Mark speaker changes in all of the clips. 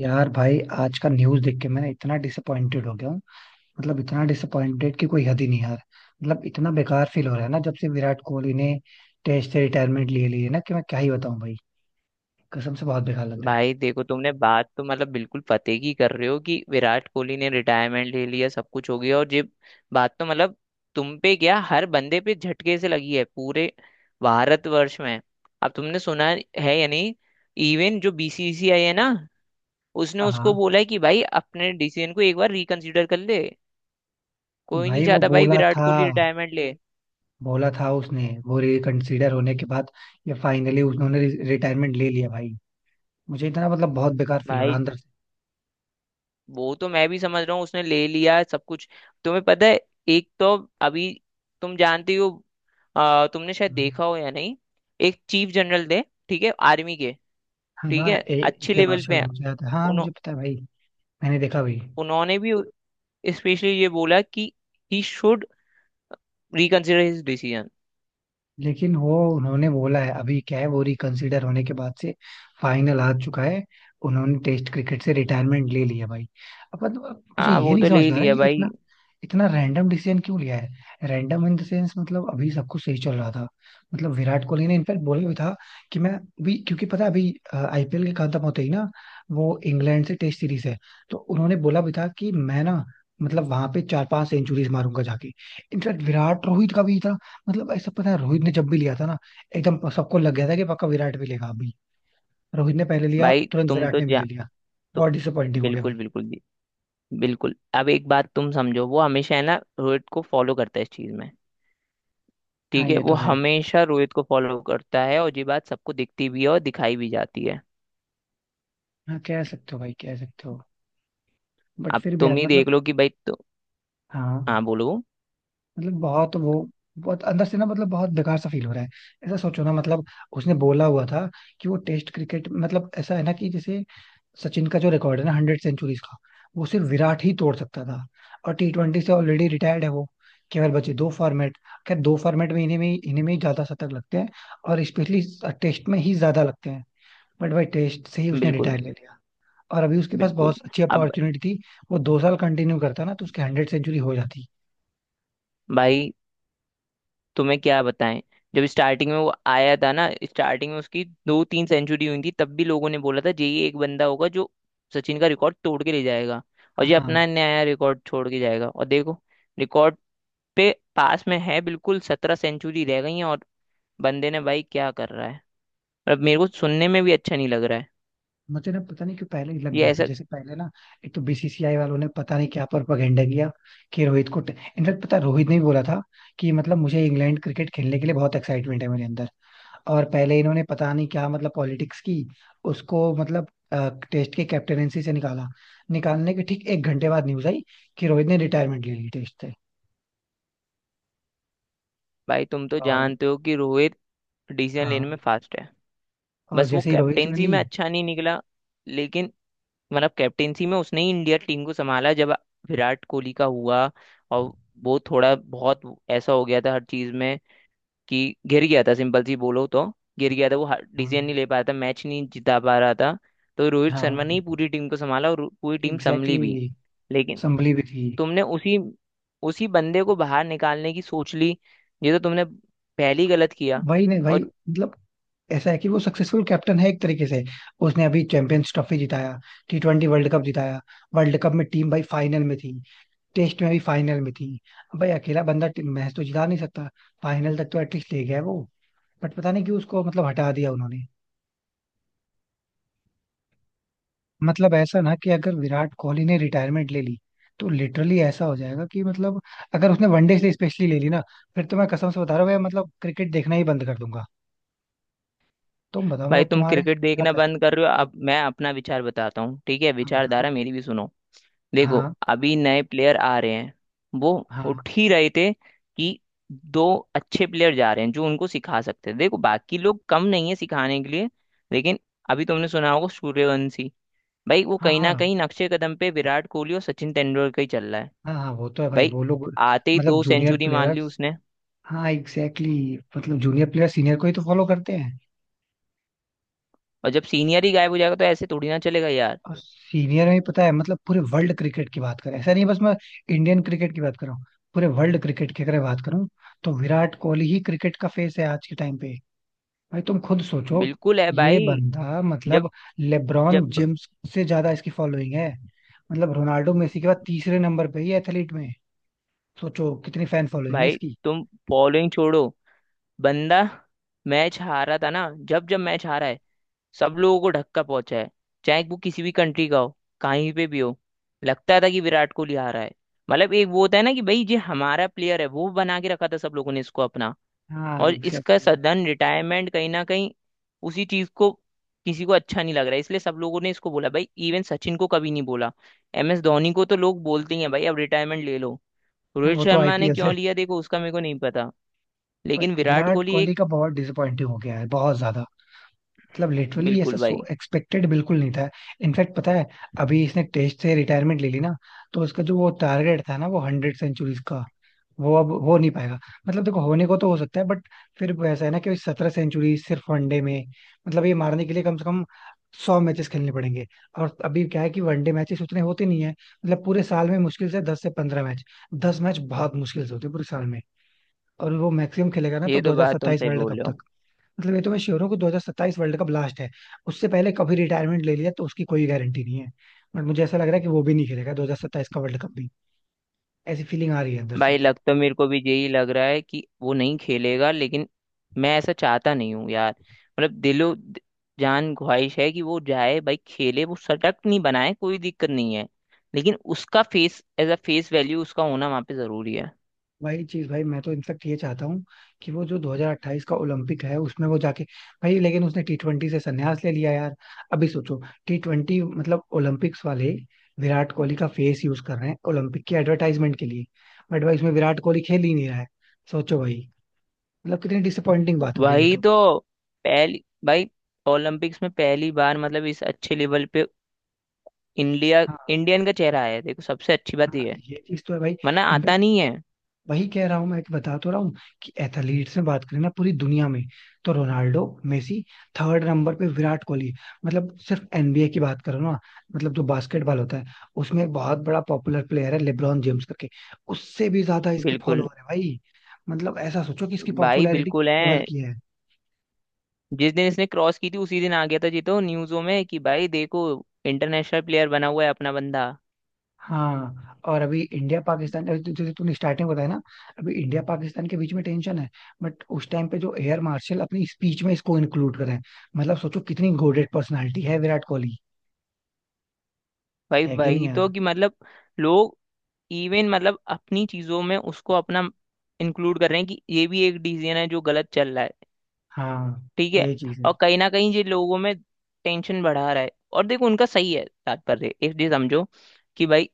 Speaker 1: यार भाई, आज का न्यूज देख के मैं ना इतना डिसअपॉइंटेड हो गया हूँ। मतलब इतना डिसअपॉइंटेड कि कोई हद ही नहीं यार। मतलब इतना बेकार फील हो रहा है ना जब से विराट कोहली ने टेस्ट से रिटायरमेंट ले ली है ना कि मैं क्या ही बताऊं भाई। कसम से बहुत बेकार लग रहा है।
Speaker 2: भाई देखो, तुमने बात तो मतलब बिल्कुल पते की कर रहे हो कि विराट कोहली ने रिटायरमेंट ले लिया, सब कुछ हो गया और ये बात तो मतलब तुम पे क्या, हर बंदे पे झटके से लगी है पूरे भारतवर्ष में। अब तुमने सुना है या नहीं, इवन जो बीसीसीआई है ना, उसने
Speaker 1: हाँ,
Speaker 2: उसको
Speaker 1: हाँ।
Speaker 2: बोला है कि भाई अपने डिसीजन को एक बार रिकंसिडर कर ले। कोई नहीं
Speaker 1: भाई वो
Speaker 2: चाहता भाई
Speaker 1: बोला
Speaker 2: विराट
Speaker 1: था,
Speaker 2: कोहली रिटायरमेंट ले।
Speaker 1: बोला था उसने वो रिकंसीडर होने के बाद। ये फाइनली उन्होंने रिटायरमेंट ले लिया भाई। मुझे इतना मतलब बहुत बेकार फील हो रहा है
Speaker 2: भाई,
Speaker 1: अंदर से।
Speaker 2: वो तो मैं भी समझ रहा हूँ, उसने ले लिया है सब कुछ। तुम्हें पता है, एक तो अभी, तुम जानती हो, तुमने शायद
Speaker 1: हम्म।
Speaker 2: देखा हो या नहीं, एक चीफ जनरल थे, ठीक है, आर्मी के,
Speaker 1: हाँ,
Speaker 2: ठीक
Speaker 1: हाँ,
Speaker 2: है,
Speaker 1: ए
Speaker 2: अच्छे
Speaker 1: के
Speaker 2: लेवल पे
Speaker 1: मार्शल
Speaker 2: हैं।
Speaker 1: मुझे याद है, हाँ,
Speaker 2: उन्हों,
Speaker 1: मुझे पता है भाई। मैंने देखा भी।
Speaker 2: उन्होंने भी स्पेशली ये बोला कि he should reconsider his decision.
Speaker 1: लेकिन वो उन्होंने बोला है अभी क्या है, वो रिकंसिडर होने के बाद से फाइनल हार चुका है। उन्होंने टेस्ट क्रिकेट से रिटायरमेंट ले लिया भाई। अब मुझे
Speaker 2: हाँ
Speaker 1: ये
Speaker 2: वो
Speaker 1: नहीं
Speaker 2: तो ले
Speaker 1: समझ
Speaker 2: ही
Speaker 1: में आ रहा है,
Speaker 2: लिया
Speaker 1: ये
Speaker 2: भाई।
Speaker 1: इतना इतना रैंडम डिसीजन क्यों लिया है। रैंडम इन द सेंस मतलब अभी सब कुछ सही चल रहा था। मतलब विराट कोहली ने इनफैक्ट बोला भी था कि मैं अभी, क्योंकि पता है अभी आईपीएल के खत्म होते ही ना वो इंग्लैंड से टेस्ट सीरीज है, तो उन्होंने बोला भी था कि मैं ना मतलब वहां पे 4-5 सेंचुरीज मारूंगा जाके। इनफैक्ट विराट, रोहित का भी मतलब ऐसा पता है, रोहित ने जब भी लिया था ना एकदम सबको लग गया था कि पक्का विराट भी लेगा अभी। रोहित ने पहले लिया,
Speaker 2: भाई
Speaker 1: तुरंत
Speaker 2: तुम
Speaker 1: विराट
Speaker 2: तो
Speaker 1: ने भी
Speaker 2: जा
Speaker 1: ले लिया।
Speaker 2: तो
Speaker 1: बहुत डिसअपॉइंटिंग हो गया
Speaker 2: बिल्कुल
Speaker 1: भाई।
Speaker 2: बिल्कुल जी। बिल्कुल, अब एक बात तुम समझो, वो हमेशा है ना रोहित को फॉलो करता है इस चीज में।
Speaker 1: हाँ,
Speaker 2: ठीक है,
Speaker 1: ये
Speaker 2: वो
Speaker 1: तो है।
Speaker 2: हमेशा रोहित को फॉलो करता है और ये बात सबको दिखती भी है और दिखाई भी जाती है।
Speaker 1: हाँ, कह सकते हो भाई, कह सकते हो। बट
Speaker 2: अब
Speaker 1: फिर भी
Speaker 2: तुम
Speaker 1: यार
Speaker 2: ही
Speaker 1: मतलब।
Speaker 2: देख लो कि भाई तो।
Speaker 1: हाँ,
Speaker 2: हाँ बोलो।
Speaker 1: मतलब बहुत वो, बहुत अंदर से ना मतलब बहुत बेकार सा फील हो रहा है। ऐसा सोचो ना मतलब। उसने बोला हुआ था कि वो टेस्ट क्रिकेट मतलब ऐसा है ना कि जैसे सचिन का जो रिकॉर्ड है ना 100 सेंचुरीज का, वो सिर्फ विराट ही तोड़ सकता था। और टी ट्वेंटी से ऑलरेडी रिटायर्ड है वो, केवल बचे दो फॉर्मेट। खैर, दो फॉर्मेट में इन्हें में ही ज्यादा शतक लगते हैं, और स्पेशली टेस्ट में ही ज्यादा लगते हैं। बट भाई टेस्ट से ही उसने
Speaker 2: बिल्कुल
Speaker 1: रिटायर ले लिया। और अभी उसके पास
Speaker 2: बिल्कुल।
Speaker 1: बहुत अच्छी
Speaker 2: अब
Speaker 1: अपॉर्चुनिटी थी। वो 2 साल कंटिन्यू करता ना तो उसकी 100 सेंचुरी हो जाती।
Speaker 2: भाई तुम्हें क्या बताएं, जब स्टार्टिंग में वो आया था ना, स्टार्टिंग में उसकी दो तीन सेंचुरी हुई थी, तब भी लोगों ने बोला था ये ही एक बंदा होगा जो सचिन का रिकॉर्ड तोड़ के ले जाएगा और ये
Speaker 1: हाँ,
Speaker 2: अपना नया रिकॉर्ड छोड़ के जाएगा। और देखो, रिकॉर्ड पे पास में है, बिल्कुल 17 सेंचुरी रह गई हैं। और बंदे ने, भाई, क्या कर रहा है। अब मेरे को सुनने में भी अच्छा नहीं लग रहा है
Speaker 1: मुझे ना पता नहीं क्यों पहले ही लग
Speaker 2: ये
Speaker 1: गया था,
Speaker 2: ऐसा।
Speaker 1: जैसे पहले ना एक तो बीसीसीआई वालों ने पता नहीं क्या प्रोपेगेंडा किया कि रोहित को, इनफैक्ट पता है, रोहित ने ही बोला था कि मतलब मुझे इंग्लैंड क्रिकेट खेलने के लिए बहुत एक्साइटमेंट है मेरे अंदर, और पहले इन्होंने पता नहीं क्या मतलब पॉलिटिक्स की, उसको मतलब टेस्ट के कैप्टनसी से निकाला। निकालने के ठीक 1 घंटे बाद न्यूज आई कि रोहित ने रिटायरमेंट ले ली टेस्ट से।
Speaker 2: भाई तुम तो
Speaker 1: और
Speaker 2: जानते हो कि रोहित डिसीजन लेने
Speaker 1: हाँ,
Speaker 2: में फास्ट है।
Speaker 1: और
Speaker 2: बस वो
Speaker 1: जैसे ही रोहित ने
Speaker 2: कैप्टेंसी में
Speaker 1: ली।
Speaker 2: अच्छा नहीं निकला, लेकिन मतलब कैप्टेंसी में उसने ही इंडिया टीम को संभाला, जब विराट कोहली का हुआ और वो थोड़ा बहुत ऐसा हो गया था हर चीज में, कि गिर गया था, सिंपल सी बोलो तो गिर गया था वो।
Speaker 1: हाँ,
Speaker 2: डिसीजन नहीं ले पा रहा था, मैच नहीं जिता पा रहा था, तो रोहित शर्मा
Speaker 1: हाँ,
Speaker 2: ने ही पूरी टीम को संभाला और पूरी टीम संभली भी।
Speaker 1: एग्जैक्टली।
Speaker 2: लेकिन
Speaker 1: संभली भी थी।
Speaker 2: तुमने उसी उसी बंदे को बाहर निकालने की सोच ली, ये तो तुमने पहले ही गलत किया।
Speaker 1: वही नहीं भाई,
Speaker 2: और
Speaker 1: मतलब ऐसा है कि वो सक्सेसफुल कैप्टन है एक तरीके से। उसने अभी चैंपियंस ट्रॉफी जिताया, टी ट्वेंटी वर्ल्ड कप जिताया। वर्ल्ड कप में टीम भाई फाइनल में थी, टेस्ट में भी फाइनल में थी। अब भाई अकेला बंदा मैच तो जिता नहीं सकता, फाइनल तक तो एटलीस्ट ले गया है वो। बट पता नहीं क्यों उसको मतलब हटा दिया उन्होंने। मतलब ऐसा ना कि अगर विराट कोहली ने रिटायरमेंट ले ली, तो लिटरली ऐसा हो जाएगा कि मतलब अगर उसने वनडे से स्पेशली ले ली ना, फिर तो मैं कसम से बता रहा हूँ भाई, मतलब क्रिकेट देखना ही बंद कर दूंगा। तुम बताओ,
Speaker 2: भाई
Speaker 1: मतलब
Speaker 2: तुम
Speaker 1: तुम्हारे
Speaker 2: क्रिकेट
Speaker 1: क्या
Speaker 2: देखना बंद कर
Speaker 1: पर्सपेक्टिव।
Speaker 2: रहे हो, अब मैं अपना विचार बताता हूँ। ठीक है,
Speaker 1: बताओ।
Speaker 2: विचारधारा मेरी भी सुनो। देखो,
Speaker 1: हाँ,
Speaker 2: अभी नए प्लेयर आ रहे हैं, वो
Speaker 1: हाँ,
Speaker 2: उठ ही रहे थे कि दो अच्छे प्लेयर जा रहे हैं जो उनको सिखा सकते हैं। देखो बाकी लोग कम नहीं है सिखाने के लिए, लेकिन अभी तुमने सुना होगा, सूर्यवंशी भाई वो
Speaker 1: हाँ,
Speaker 2: कहीं ना
Speaker 1: हाँ,
Speaker 2: कहीं नक्शे कदम पे विराट कोहली और सचिन तेंदुलकर ही चल रहा है।
Speaker 1: हाँ, हाँ, वो तो है भाई,
Speaker 2: भाई
Speaker 1: वो लोग।
Speaker 2: आते ही
Speaker 1: मतलब
Speaker 2: दो
Speaker 1: जूनियर
Speaker 2: सेंचुरी मान ली
Speaker 1: प्लेयर्स।
Speaker 2: उसने।
Speaker 1: हाँ, एग्जैक्टली exactly, मतलब जूनियर प्लेयर सीनियर को ही तो फॉलो करते हैं।
Speaker 2: और जब सीनियर ही गायब हो जाएगा तो ऐसे थोड़ी ना चलेगा यार।
Speaker 1: और सीनियर में पता है, मतलब पूरे वर्ल्ड क्रिकेट की बात करें, ऐसा नहीं बस मैं इंडियन क्रिकेट की बात कर रहा हूँ। पूरे वर्ल्ड क्रिकेट की अगर बात करूँ तो विराट कोहली ही क्रिकेट का फेस है आज के टाइम पे। भाई तुम खुद सोचो।
Speaker 2: बिल्कुल है
Speaker 1: ये
Speaker 2: भाई।
Speaker 1: बंदा
Speaker 2: जब
Speaker 1: मतलब लेब्रॉन
Speaker 2: जब
Speaker 1: जेम्स से ज्यादा इसकी फॉलोइंग है। मतलब रोनाल्डो मेसी के बाद तीसरे नंबर पे ही एथलीट में। सोचो कितनी फैन फॉलोइंग है
Speaker 2: भाई,
Speaker 1: इसकी।
Speaker 2: तुम बॉलिंग छोड़ो, बंदा मैच हारा था ना, जब जब मैच हारा है, सब लोगों को धक्का पहुंचा है, चाहे वो किसी भी कंट्री का हो, कहीं पे भी हो। लगता था कि विराट कोहली हारा है। मतलब एक वो होता है ना कि भाई ये हमारा प्लेयर है, वो बना के रखा था सब लोगों ने इसको अपना।
Speaker 1: हाँ,
Speaker 2: और इसका
Speaker 1: एग्जैक्टली exactly।
Speaker 2: सदन रिटायरमेंट कहीं ना कहीं उसी चीज को, किसी को अच्छा नहीं लग रहा है, इसलिए सब लोगों ने इसको बोला भाई, इवन सचिन को कभी नहीं बोला। एम एस धोनी को तो लोग बोलते ही हैं भाई अब रिटायरमेंट ले लो।
Speaker 1: हाँ,
Speaker 2: रोहित
Speaker 1: वो तो
Speaker 2: शर्मा ने
Speaker 1: आईपीएल है।
Speaker 2: क्यों लिया, देखो उसका मेरे को नहीं पता,
Speaker 1: बट
Speaker 2: लेकिन विराट
Speaker 1: विराट
Speaker 2: कोहली
Speaker 1: कोहली
Speaker 2: एक।
Speaker 1: का बहुत डिसअपॉइंटिंग हो गया है, बहुत ज्यादा। मतलब लिटरली ऐसा
Speaker 2: बिल्कुल
Speaker 1: सो
Speaker 2: भाई,
Speaker 1: एक्सपेक्टेड बिल्कुल नहीं था। इनफैक्ट पता है, अभी इसने टेस्ट से रिटायरमेंट ले ली ना, तो उसका जो वो टारगेट था ना, वो 100 सेंचुरीज का, वो अब हो नहीं पाएगा। मतलब देखो, होने को तो हो सकता है बट फिर वो ऐसा है ना कि 17 सेंचुरी सिर्फ वनडे में, मतलब ये मारने के लिए कम से कम 100 मैचेस खेलने पड़ेंगे। और अभी क्या है कि वनडे मैचेस उतने होते नहीं है, मतलब पूरे साल में मुश्किल से 10 से 15 मैच, 10 मैच बहुत मुश्किल से होते हैं पूरे साल में। और वो मैक्सिमम खेलेगा ना तो
Speaker 2: ये
Speaker 1: दो
Speaker 2: तो
Speaker 1: हजार
Speaker 2: बात तुम
Speaker 1: सत्ताईस
Speaker 2: सही
Speaker 1: वर्ल्ड
Speaker 2: बोल
Speaker 1: कप
Speaker 2: रहे हो।
Speaker 1: तक। मतलब ये तो मैं श्योर हूँ कि 2027 वर्ल्ड कप लास्ट है। उससे पहले कभी रिटायरमेंट ले लिया तो उसकी कोई गारंटी नहीं है। बट मुझे ऐसा लग रहा है कि वो भी नहीं खेलेगा 2027 का वर्ल्ड कप भी। ऐसी फीलिंग आ रही है अंदर से।
Speaker 2: भाई लग तो मेरे को भी यही लग रहा है कि वो नहीं खेलेगा, लेकिन मैं ऐसा चाहता नहीं हूँ यार। मतलब दिलो जान ख्वाहिश है कि वो जाए भाई, खेले, वो शतक नहीं बनाए कोई दिक्कत नहीं है, लेकिन उसका face, as a face value, उसका होना वहां पे जरूरी है।
Speaker 1: वही चीज भाई, मैं तो इनफेक्ट ये चाहता हूँ कि वो जो 2028 का ओलंपिक है उसमें वो जाके, भाई लेकिन उसने टी ट्वेंटी से संन्यास ले लिया यार। अभी सोचो, टी ट्वेंटी मतलब ओलंपिक्स वाले, विराट कोहली का फेस यूज कर रहे हैं ओलंपिक की एडवर्टाइजमेंट के लिए, बट भाई उसमें विराट कोहली खेल ही नहीं रहा है। सोचो भाई, मतलब कितनी डिसअपॉइंटिंग बात हो गई है।
Speaker 2: वही तो। पहली भाई, ओलंपिक्स में पहली बार मतलब इस अच्छे लेवल पे इंडिया
Speaker 1: तो।
Speaker 2: इंडियन का चेहरा आया है, देखो सबसे अच्छी बात
Speaker 1: हाँ,
Speaker 2: ये है,
Speaker 1: ये चीज तो है भाई।
Speaker 2: वरना आता
Speaker 1: इनफैक्ट
Speaker 2: नहीं है।
Speaker 1: वही कह रहा हूं मैं, कि बता तो रहा हूँ कि एथलीट्स में बात करें ना पूरी दुनिया में, तो रोनाल्डो मेसी, थर्ड नंबर पे विराट कोहली। मतलब सिर्फ एनबीए की बात करो ना, मतलब जो बास्केटबॉल होता है, उसमें एक बहुत बड़ा पॉपुलर प्लेयर है लेब्रॉन जेम्स करके, उससे भी ज्यादा इसके
Speaker 2: बिल्कुल
Speaker 1: फॉलोअर है भाई। मतलब ऐसा सोचो कि इसकी
Speaker 2: भाई,
Speaker 1: पॉपुलैरिटी
Speaker 2: बिल्कुल
Speaker 1: लेवल
Speaker 2: है।
Speaker 1: की है।
Speaker 2: जिस दिन इसने क्रॉस की थी उसी दिन आ गया था जी तो न्यूज़ों में कि भाई देखो इंटरनेशनल प्लेयर बना हुआ है अपना बंदा।
Speaker 1: हाँ, और अभी इंडिया पाकिस्तान जैसे तूने स्टार्टिंग बताया ना, अभी इंडिया पाकिस्तान के बीच में टेंशन है, बट उस टाइम पे जो एयर मार्शल अपनी स्पीच में इसको इंक्लूड करें, मतलब सोचो कितनी गोडेड पर्सनालिटी है विराट कोहली।
Speaker 2: भाई
Speaker 1: है कि नहीं
Speaker 2: वही तो,
Speaker 1: यार?
Speaker 2: कि मतलब लोग इवन मतलब अपनी चीजों में उसको अपना इंक्लूड कर रहे हैं कि ये भी एक डिसीजन है जो गलत चल रहा है।
Speaker 1: हाँ,
Speaker 2: ठीक है।
Speaker 1: यही चीज
Speaker 2: और
Speaker 1: है।
Speaker 2: कहीं ना कहीं ये लोगों में टेंशन बढ़ा रहा है। और देखो, उनका सही है तात्पर्य, इफ ये समझो, कि भाई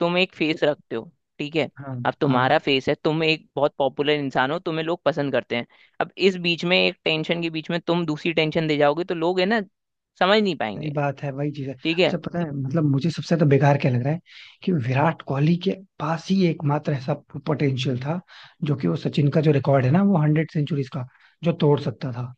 Speaker 2: तुम एक फेस रखते हो, ठीक है,
Speaker 1: हाँ,
Speaker 2: अब
Speaker 1: हाँ,
Speaker 2: तुम्हारा फेस है, तुम एक बहुत पॉपुलर इंसान हो, तुम्हें लोग पसंद करते हैं। अब इस बीच में, एक टेंशन के बीच में तुम दूसरी टेंशन दे जाओगे, तो लोग है ना, समझ नहीं
Speaker 1: सही
Speaker 2: पाएंगे।
Speaker 1: बात है, वही चीज है।
Speaker 2: ठीक है।
Speaker 1: अच्छा पता है मतलब मुझे सबसे तो बेकार क्या लग रहा है कि विराट कोहली के पास ही एकमात्र ऐसा पोटेंशियल था जो कि वो सचिन का जो रिकॉर्ड है ना, वो 100 सेंचुरीज का, जो तोड़ सकता था।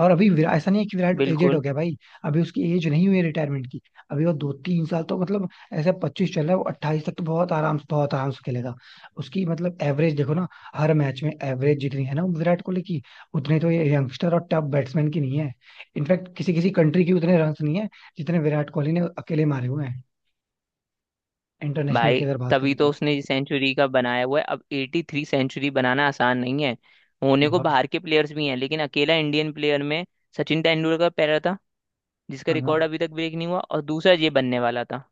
Speaker 1: और अभी विराट ऐसा नहीं है कि विराट एजेड हो
Speaker 2: बिल्कुल
Speaker 1: गया भाई, अभी उसकी एज नहीं हुई है रिटायरमेंट की। अभी वो 2-3 साल तो मतलब ऐसे 25 चल रहा है वो, 28 तक तो बहुत आराम से, बहुत आराम से खेलेगा। उसकी मतलब एवरेज देखो ना, हर मैच में एवरेज जितनी है ना विराट कोहली की, उतने तो ये यंगस्टर और टॉप बैट्समैन की नहीं है। इनफैक्ट किसी किसी कंट्री की उतने रन नहीं है जितने विराट कोहली ने अकेले मारे हुए हैं, इंटरनेशनल की
Speaker 2: भाई,
Speaker 1: अगर बात
Speaker 2: तभी
Speaker 1: करें
Speaker 2: तो
Speaker 1: तो।
Speaker 2: उसने सेंचुरी का बनाया हुआ है। अब 83 सेंचुरी बनाना आसान नहीं है, होने को
Speaker 1: बहुत।
Speaker 2: बाहर के प्लेयर्स भी हैं, लेकिन अकेला इंडियन प्लेयर में सचिन तेंदुलकर पहला था जिसका
Speaker 1: हाँ
Speaker 2: रिकॉर्ड अभी तक ब्रेक नहीं हुआ, और दूसरा ये बनने वाला था।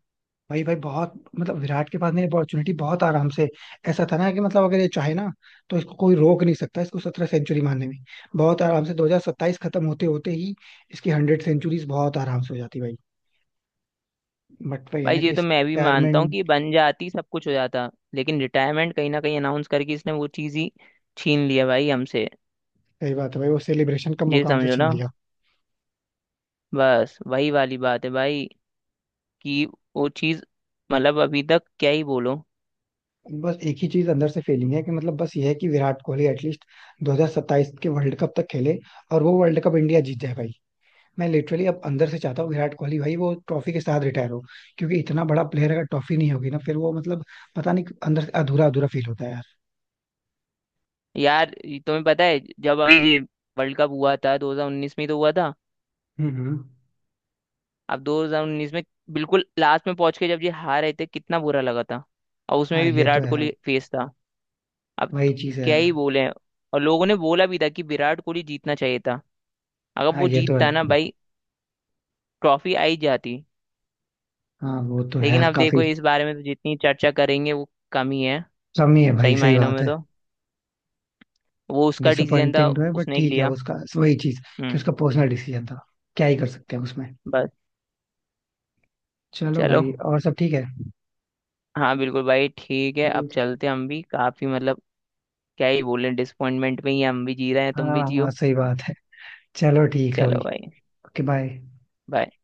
Speaker 1: भाई, भाई बहुत मतलब, विराट के पास नहीं अपॉर्चुनिटी, बहुत आराम से ऐसा था ना कि मतलब अगर ये चाहे ना, तो इसको कोई रोक नहीं सकता इसको 17 सेंचुरी मारने में। बहुत आराम से 2027 खत्म होते होते ही इसकी 100 सेंचुरीज बहुत आराम से हो जाती भाई। बट भाई है
Speaker 2: भाई
Speaker 1: ना
Speaker 2: ये
Speaker 1: कि
Speaker 2: तो
Speaker 1: इसकी
Speaker 2: मैं भी मानता हूँ कि
Speaker 1: रिटायरमेंट।
Speaker 2: बन जाती, सब कुछ हो जाता, लेकिन रिटायरमेंट कहीं ना कहीं अनाउंस करके इसने वो चीज ही छीन लिया भाई हमसे।
Speaker 1: सही बात है भाई, वो सेलिब्रेशन का
Speaker 2: ये
Speaker 1: मौका हमसे
Speaker 2: समझो
Speaker 1: छीन
Speaker 2: ना,
Speaker 1: लिया।
Speaker 2: बस वही वाली बात है भाई, कि वो चीज, मतलब अभी तक क्या ही बोलो।
Speaker 1: बस एक ही चीज अंदर से फीलिंग है कि मतलब बस ये है कि विराट कोहली एटलीस्ट 2027 के वर्ल्ड कप तक खेले, और वो वर्ल्ड कप इंडिया जीत जाए भाई। मैं लिटरली अब अंदर से चाहता हूँ विराट कोहली भाई वो ट्रॉफी के साथ रिटायर हो, क्योंकि इतना बड़ा प्लेयर, अगर ट्रॉफी नहीं होगी ना फिर वो मतलब, पता नहीं अंदर से अधूरा अधूरा फील होता है यार।
Speaker 2: यार ये तुम्हें पता है, जब अभी ये वर्ल्ड कप हुआ था 2019 में ही तो हुआ था।
Speaker 1: हम्म,
Speaker 2: अब 2019 में बिल्कुल लास्ट में पहुंच के जब ये हार रहे थे, कितना बुरा लगा था, और उसमें
Speaker 1: हाँ,
Speaker 2: भी
Speaker 1: ये तो
Speaker 2: विराट
Speaker 1: है यार,
Speaker 2: कोहली फेस था। अब तो
Speaker 1: वही चीज है
Speaker 2: क्या
Speaker 1: यार।
Speaker 2: ही बोले। और लोगों ने बोला भी था कि विराट कोहली जीतना चाहिए था। अगर
Speaker 1: हाँ,
Speaker 2: वो
Speaker 1: ये तो है।
Speaker 2: जीतता ना भाई, ट्रॉफी आई जाती।
Speaker 1: हाँ, वो तो है
Speaker 2: लेकिन
Speaker 1: यार
Speaker 2: अब देखो,
Speaker 1: काफी।
Speaker 2: इस बारे में तो जितनी चर्चा करेंगे वो कम ही है।
Speaker 1: कमी है भाई,
Speaker 2: सही
Speaker 1: सही
Speaker 2: मायनों
Speaker 1: बात
Speaker 2: में
Speaker 1: है।
Speaker 2: तो वो उसका डिसीजन था,
Speaker 1: डिसअपॉइंटिंग तो है बट
Speaker 2: उसने ही
Speaker 1: ठीक है
Speaker 2: लिया।
Speaker 1: उसका। वही चीज कि
Speaker 2: हम्म।
Speaker 1: उसका पर्सनल डिसीजन था। क्या ही कर सकते हैं उसमें।
Speaker 2: बस।
Speaker 1: चलो
Speaker 2: चलो।
Speaker 1: भाई, और सब ठीक है।
Speaker 2: हाँ बिल्कुल भाई, ठीक है, अब
Speaker 1: ठीक है।
Speaker 2: चलते हैं, हम भी काफी मतलब क्या ही बोले, डिसअपॉइंटमेंट में ही हम भी जी रहे हैं, तुम
Speaker 1: हाँ,
Speaker 2: भी
Speaker 1: हाँ,
Speaker 2: जियो।
Speaker 1: सही बात है। चलो ठीक है
Speaker 2: चलो
Speaker 1: भाई।
Speaker 2: भाई।
Speaker 1: Okay, bye.
Speaker 2: bye।